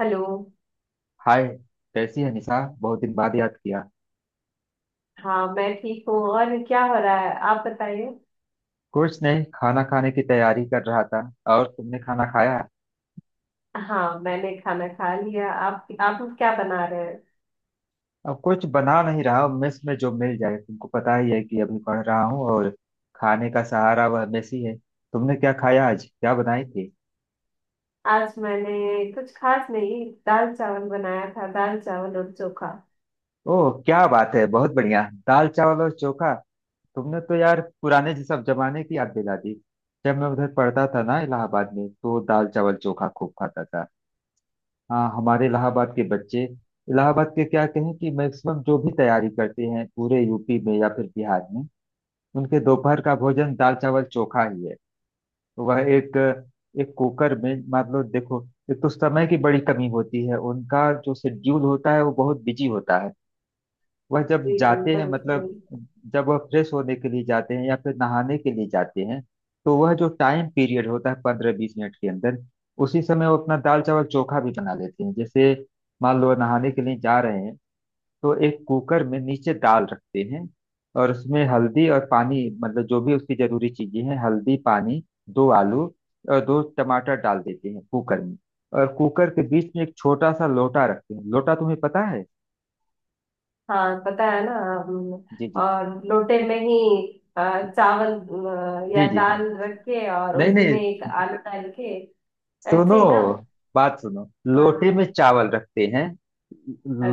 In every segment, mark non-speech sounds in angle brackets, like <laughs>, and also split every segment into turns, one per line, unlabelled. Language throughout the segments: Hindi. हेलो।
हाय। कैसी है निशा? बहुत दिन बाद याद किया।
हाँ, मैं ठीक हूँ। और क्या हो रहा है, आप बताइए।
कुछ नहीं, खाना खाने की तैयारी कर रहा था। और तुमने खाना खाया?
हाँ, मैंने खाना खा लिया। आप लोग क्या बना रहे हैं?
अब कुछ बना नहीं रहा हूँ, मेस में जो मिल जाए। तुमको पता ही है कि अभी पढ़ रहा हूँ और खाने का सहारा वह मेस ही है। तुमने क्या खाया? आज क्या बनाई थी?
आज मैंने कुछ खास नहीं, दाल चावल बनाया था। दाल चावल और चोखा।
ओह क्या बात है! बहुत बढ़िया। दाल चावल और चोखा। तुमने तो यार पुराने सब जमाने की याद दिला दी। जब मैं उधर पढ़ता था ना, इलाहाबाद में, तो दाल चावल चोखा खूब खाता था। हाँ, हमारे इलाहाबाद के बच्चे, इलाहाबाद के क्या कहें, कि मैक्सिमम जो भी तैयारी करते हैं पूरे यूपी में या फिर बिहार में, उनके दोपहर का भोजन दाल चावल चोखा ही है। तो वह एक एक कुकर में, मान लो, देखो। एक तो समय की बड़ी कमी होती है, उनका जो शेड्यूल होता है वो बहुत बिजी होता है। वह जब
जी
जाते हैं,
बिल्कुल जी।
मतलब, जब वह फ्रेश होने के लिए जाते हैं या फिर नहाने के लिए जाते हैं, तो वह जो टाइम पीरियड होता है 15-20 मिनट के अंदर, उसी समय वो अपना दाल चावल चोखा भी बना लेते हैं। जैसे, मान लो नहाने के लिए जा रहे हैं, तो एक कुकर में नीचे दाल रखते हैं, और उसमें हल्दी और पानी, मतलब जो भी उसकी जरूरी चीजें हैं, हल्दी पानी, दो आलू और दो टमाटर डाल देते हैं कुकर में। और कुकर के बीच में एक छोटा सा लोटा रखते हैं। लोटा तुम्हें पता है?
हाँ, पता है ना। हम,
जी जी।
और लोटे में ही चावल या
जी जी हाँ।
दाल रख के और
नहीं
उसी
नहीं,
में एक आलू डाल के। ऐसे
सुनो,
ही ना?
बात सुनो। लोटे
हाँ।
में चावल रखते हैं।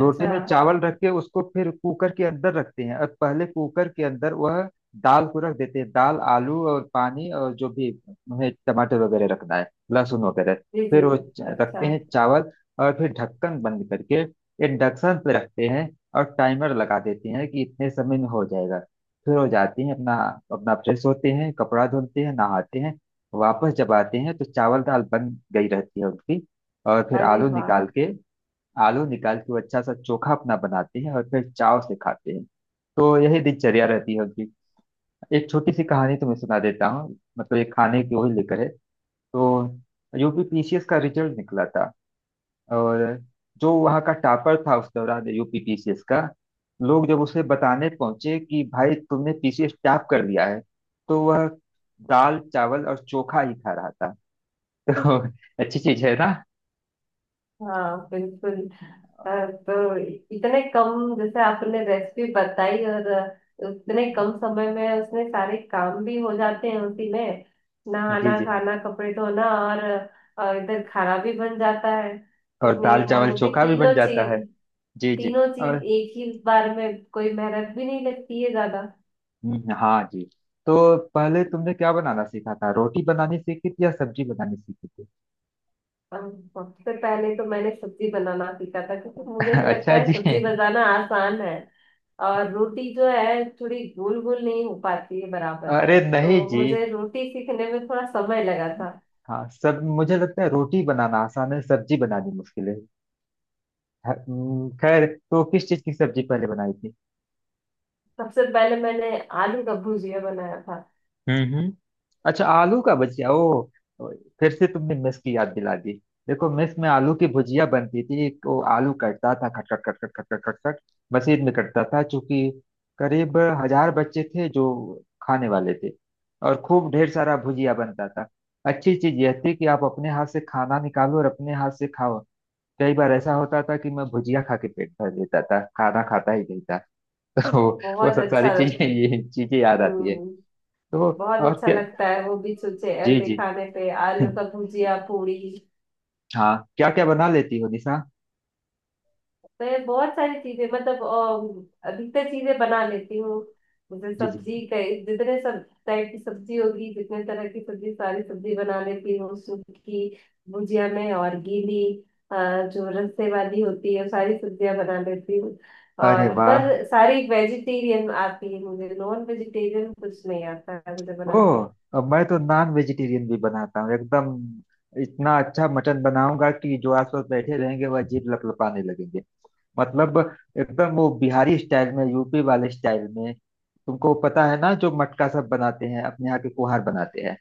लोटे में चावल रख के उसको फिर कुकर के अंदर रखते हैं, और पहले कुकर के अंदर वह दाल को रख देते हैं। दाल, आलू और पानी, और जो भी उन्हें टमाटर वगैरह रखना है, लहसुन वगैरह।
जी
फिर
जी।
वो
अच्छा।
रखते हैं चावल। और फिर ढक्कन बंद करके इंडक्शन पे रखते हैं, और टाइमर लगा देते हैं कि इतने समय में हो जाएगा। फिर हो जाती हैं अपना। अपना फ्रेश होते हैं, कपड़ा धुलते हैं, नहाते हैं। वापस जब आते हैं तो चावल दाल बन गई रहती है उनकी। और फिर
अरे
आलू
वाह।
निकाल के, आलू निकाल के वो अच्छा सा चोखा अपना बनाते हैं, और फिर चाव से खाते हैं। तो यही दिनचर्या रहती है उनकी। एक छोटी सी कहानी तुम्हें सुना देता हूँ, मतलब ये खाने की वही लेकर है। तो यूपीपीसीएस का रिजल्ट निकला था। और जो वहाँ का टॉपर था उस दौरान यूपीपीसीएस का, लोग जब उसे बताने पहुंचे कि भाई तुमने पीसीएस टॉप कर लिया है, तो वह दाल चावल और चोखा ही खा रहा था। तो <laughs> अच्छी चीज है ना।
हाँ बिल्कुल। तो इतने कम, जैसे आपने रेसिपी बताई, और उतने कम समय में उसमें सारे काम भी हो जाते हैं उसी में।
जी
नहाना,
जी।
खाना, कपड़े धोना। और इधर खाना भी बन जाता है।
और
इतने,
दाल
और
चावल
वो भी
चोखा भी बन
तीनों
जाता है।
चीज।
जी जी।
तीनों
और
चीज एक ही बार में, कोई मेहनत भी नहीं लगती है ज्यादा।
हाँ जी। तो पहले तुमने क्या बनाना सीखा था? रोटी बनानी सीखी थी या सब्जी बनानी सीखी थी?
अब, सबसे पहले तो मैंने सब्जी बनाना सीखा था, क्योंकि मुझे
<laughs>
तो लगता
अच्छा
है
जी।
सब्जी बनाना आसान है। और रोटी जो है, थोड़ी गोल गोल नहीं हो पाती है बराबर।
अरे नहीं
तो
जी।
मुझे रोटी सीखने में थोड़ा समय लगा था।
हाँ सब, मुझे लगता है रोटी बनाना आसान है, सब्जी बनानी मुश्किल है। खैर, तो किस चीज की सब्जी पहले बनाई थी?
सबसे पहले मैंने आलू का भुजिया बनाया था।
हम्म हम्म। अच्छा, आलू का भुजिया। ओ। ओ, फिर से तुमने मेस की याद दिला दी। देखो, मेस में आलू की भुजिया बनती थी। एक वो आलू कटता था, खट खट खट खट खट खट खट खट। मशीन में कटता था, चूंकि करीब 1000 बच्चे थे जो खाने वाले थे। और खूब ढेर सारा भुजिया बनता था। अच्छी चीज यह थी कि आप अपने हाथ से खाना निकालो और अपने हाथ से खाओ। कई बार ऐसा होता था कि मैं भुजिया खा के पेट भर लेता था, खाना खाता ही नहीं था। <laughs> तो वो
बहुत
सब सारी
अच्छा।
चीजें, ये चीजें याद आती है।
हम्म।
तो
बहुत
और
अच्छा
क्या।
लगता है वो भी सोचे,
जी
ऐसे
जी।
खाने पे
<laughs>
आलू का भुजिया पूरी।
हाँ, क्या क्या बना लेती हो निशा?
मैं बहुत सारी चीजें, मतलब अधिकतर चीजें बना लेती हूँ। जैसे
जी जी।
सब्जी, कई जितने सब टाइप की सब्जी होगी, जितने तरह की सब्जी, सारी सब्जी बना लेती हूँ। सूखी भुजिया में और गीली। अ, जो रस्से वाली होती है, वो सारी सब्जियां बना लेती हूँ।
अरे
और
वाह।
पर सारी वेजिटेरियन आती है मुझे, नॉन वेजिटेरियन कुछ नहीं आता है मुझे
ओ,
बनाते।
अब मैं तो नॉन वेजिटेरियन भी बनाता हूँ एकदम। इतना अच्छा मटन बनाऊंगा कि जो आसपास बैठे रहेंगे वह जीभ लपलपाने लगेंगे। मतलब एकदम वो बिहारी स्टाइल में, यूपी वाले स्टाइल में, तुमको पता है ना, जो मटका सब बनाते हैं अपने यहाँ के, कुहार बनाते हैं।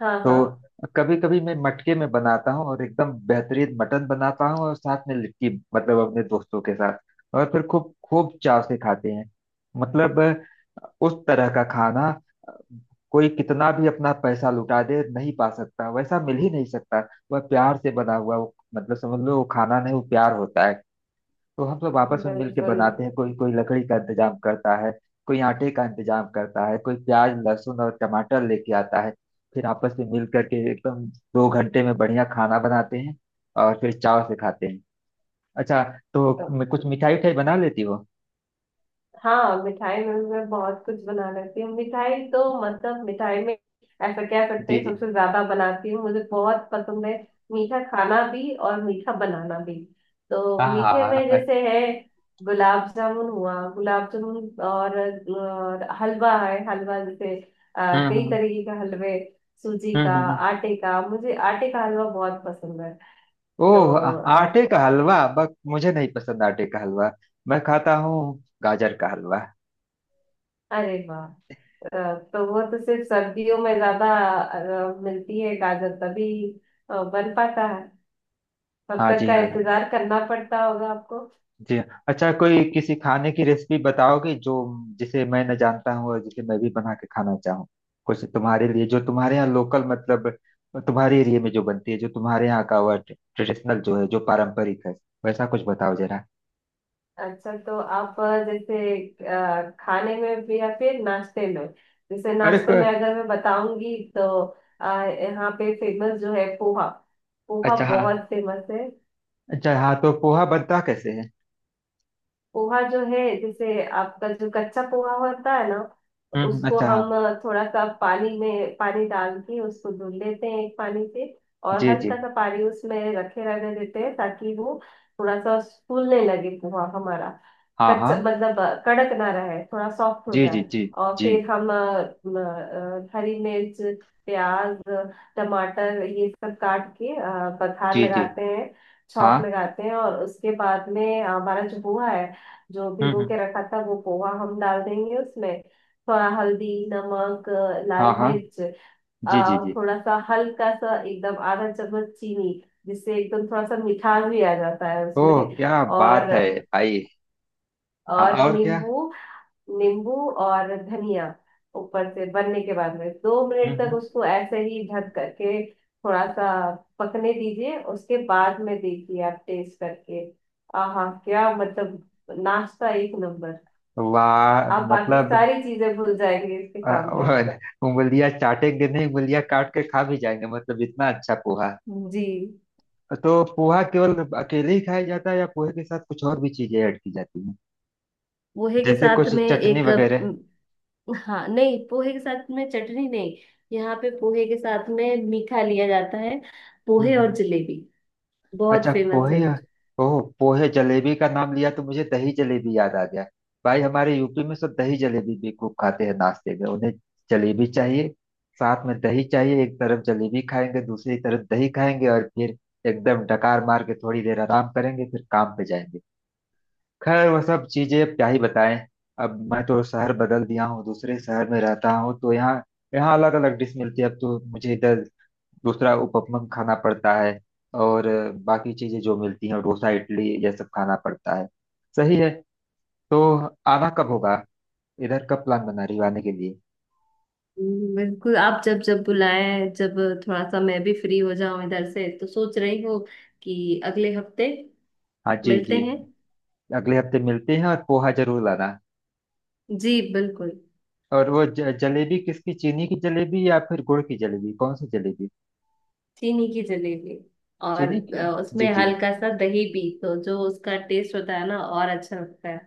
हाँ
तो
हाँ।
कभी कभी मैं मटके में बनाता हूँ और एकदम बेहतरीन मटन बनाता हूँ, और साथ में लिट्टी। मतलब अपने दोस्तों के साथ। और फिर खूब खूब चाव से खाते हैं। मतलब उस तरह का खाना। अ, कोई कितना भी अपना पैसा लुटा दे, नहीं पा सकता, वैसा मिल ही नहीं सकता। वह प्यार से बना हुआ, वो मतलब, समझ लो, वो खाना नहीं, वो प्यार होता है। तो हम सब आपस में मिलके
बिल्कुल।
बनाते हैं। कोई कोई लकड़ी का इंतजाम करता है, कोई आटे का इंतजाम करता है, कोई प्याज लहसुन और टमाटर लेके आता है। फिर आपस में मिल करके एकदम 2 घंटे में बढ़िया खाना बनाते हैं, और फिर चाव से खाते हैं। अच्छा, तो कुछ मिठाई उठाई बना लेती हो?
हाँ, मिठाई में भी मैं बहुत कुछ बना लेती हूँ। मिठाई तो, मतलब मिठाई में ऐसा कह सकते
जी
हैं,
जी।
सबसे ज्यादा बनाती हूँ, मुझे बहुत पसंद है। मीठा खाना भी और मीठा बनाना भी। तो
हाँ हाँ
मीठे
हाँ,
में
अच्छा।
जैसे है, गुलाब जामुन हुआ, गुलाब जामुन, और हलवा है, हलवा जैसे कई
हम्म।
तरीके का हलवे। सूजी
हम्म
का।
हम्म, हम्म।
आटे का, मुझे आटे का हलवा बहुत पसंद है।
ओह,
तो
आटे का हलवा, बस मुझे नहीं पसंद आटे का हलवा। मैं खाता हूँ गाजर का हलवा।
अरे वाह। अ, तो वो तो सिर्फ सर्दियों में ज्यादा मिलती है गाजर, तभी बन पाता है। तब
हाँ
तक
जी,
का
हाँ
इंतजार करना पड़ता होगा आपको।
जी। अच्छा, कोई किसी खाने की रेसिपी बताओगे जो जिसे मैं न जानता हूँ और जिसे मैं भी बना के खाना चाहूँ? कुछ तुम्हारे लिए, जो तुम्हारे यहाँ लोकल, मतलब तुम्हारे एरिया में जो बनती है, जो तुम्हारे यहाँ का वह ट्रेडिशनल जो है, जो पारंपरिक है, वैसा कुछ बताओ जरा।
अच्छा, तो आप जैसे खाने में भी या फिर नाश्ते में? जैसे
अरे
नाश्ते में
क-
अगर मैं बताऊंगी तो यहाँ पे फेमस जो है, पोहा। पोहा
अच्छा हाँ।
बहुत फेमस है।
अच्छा हाँ, तो पोहा बनता कैसे है?
पोहा जो है, जैसे आपका जो कच्चा पोहा होता है ना, उसको
अच्छा हाँ।
हम थोड़ा सा पानी में, पानी डाल के उसको धुल लेते हैं एक पानी से। और
जी जी।
हल्का सा पानी उसमें रखे रहने देते हैं ताकि वो थोड़ा सा फूलने लगे पोहा हमारा।
हाँ
कच्चा
हाँ।
मतलब कड़क ना रहे, थोड़ा सॉफ्ट हो
जी जी।
जाए।
जी
और
जी।
फिर हम म, हरी मिर्च, प्याज, टमाटर ये सब काट के बघार
जी जी।
लगाते हैं,
हाँ।
छौंक लगाते हैं। और उसके बाद में हमारा जो पोहा है, जो
हम्म
भिगो
हम्म,
के रखा था, वो पोहा हम डाल देंगे उसमें। थोड़ा हल्दी, नमक,
हाँ
लाल
हाँ।
मिर्च,
जी जी जी।
थोड़ा सा हल्का सा एकदम आधा चम्मच चीनी, जिससे एकदम थोड़ा सा मिठास भी आ जाता है उसमें।
ओह क्या बात
और
है भाई! हाँ,
और
और क्या।
नींबू। नींबू और धनिया ऊपर से। बनने के बाद में दो मिनट तक
हम्म।
उसको ऐसे ही ढक करके थोड़ा सा पकने दीजिए। उसके बाद में देखिए आप टेस्ट करके। आहा, क्या मतलब, नाश्ता एक नंबर।
वाह
आप बाकी
मतलब।
सारी चीजें भूल जाएंगे इसके
अ,
सामने।
<laughs> उंगलियां चाटेंगे नहीं, उंगलियां काट के खा भी जाएंगे, मतलब इतना अच्छा पोहा।
जी।
तो पोहा केवल अकेले ही खाया जाता है, या पोहे के साथ कुछ और भी चीजें ऐड की जाती हैं?
पोहे के
जैसे
साथ
कुछ
में
चटनी
एक
वगैरह?
हाँ, नहीं, पोहे के साथ में चटनी नहीं। यहाँ पे पोहे के साथ में मीठा लिया जाता है। पोहे
हम्म।
और जलेबी बहुत
अच्छा,
फेमस है।
पोहे। ओह, पोहे जलेबी का नाम लिया तो मुझे दही जलेबी याद आ गया। भाई, हमारे यूपी में सब दही जलेबी भी खूब खाते हैं नाश्ते में, उन्हें जलेबी चाहिए, साथ में दही चाहिए। एक तरफ जलेबी खाएंगे, दूसरी तरफ दही खाएंगे, और फिर एकदम डकार मार के थोड़ी देर आराम करेंगे, फिर काम पे जाएंगे। खैर, वह सब चीजें अब क्या ही बताएं। अब मैं तो शहर बदल दिया हूँ, दूसरे शहर में रहता हूँ, तो यहाँ यहाँ अलग अलग डिश मिलती है। अब तो मुझे इधर दूसरा उपमन खाना पड़ता है, और बाकी चीजें जो मिलती हैं, डोसा, इडली, ये सब खाना पड़ता है। सही है। तो आना कब होगा? इधर कब प्लान बना रही हो आने के लिए?
बिल्कुल, आप जब जब बुलाएं, जब थोड़ा सा मैं भी फ्री हो जाऊं इधर से। तो सोच रही हूँ कि अगले हफ्ते
हाँ जी
मिलते
जी।
हैं।
अगले हफ्ते मिलते हैं, और पोहा जरूर लाना।
जी बिल्कुल।
और वो जलेबी किसकी, चीनी की जलेबी या फिर गुड़ की जलेबी, कौन सी जलेबी?
चीनी की जलेबी। और
चीनी की।
उसमें
जी जी।
हल्का सा दही भी, तो जो उसका टेस्ट होता है ना, और अच्छा लगता है।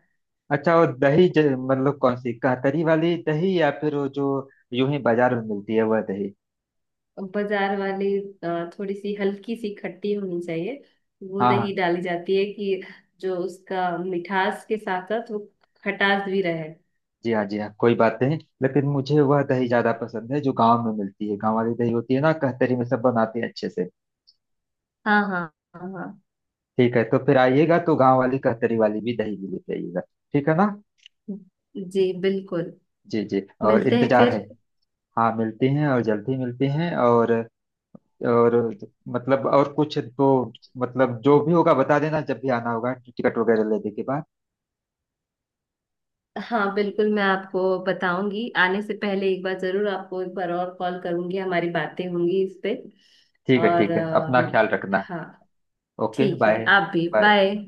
अच्छा, और दही, मतलब कौन सी, कातरी वाली दही या फिर वो जो यूं ही बाजार में मिलती है वह दही?
बाजार वाली। थोड़ी सी हल्की सी खट्टी होनी चाहिए, वो
हाँ
दही
हाँ।
डाली जाती है, कि जो उसका मिठास के साथ साथ वो खटास भी रहे।
जी हाँ, जी हाँ। कोई बात नहीं, लेकिन मुझे वह दही ज्यादा पसंद है जो गांव में मिलती है। गांव वाली दही होती है ना, कहतरी में सब बनाते हैं अच्छे से।
हाँ हाँ हाँ हाँ।
ठीक है, तो फिर आइएगा तो गांव वाली कहतरी वाली भी दही भी लेते आइएगा। ठीक है ना?
जी बिल्कुल।
जी जी। और
मिलते हैं
इंतजार है।
फिर।
हाँ, मिलते हैं और जल्दी मिलते हैं। और मतलब, और कुछ तो, मतलब जो भी होगा बता देना, जब भी आना होगा, टिकट वगैरह लेने के बाद।
हाँ बिल्कुल, मैं आपको बताऊंगी। आने से पहले एक बार जरूर आपको एक बार और कॉल करूंगी, हमारी बातें होंगी इस पे।
ठीक है,
और
ठीक है, अपना ख्याल रखना।
हाँ।
ओके
ठीक है,
बाय।
आप भी
बाय।
बाय।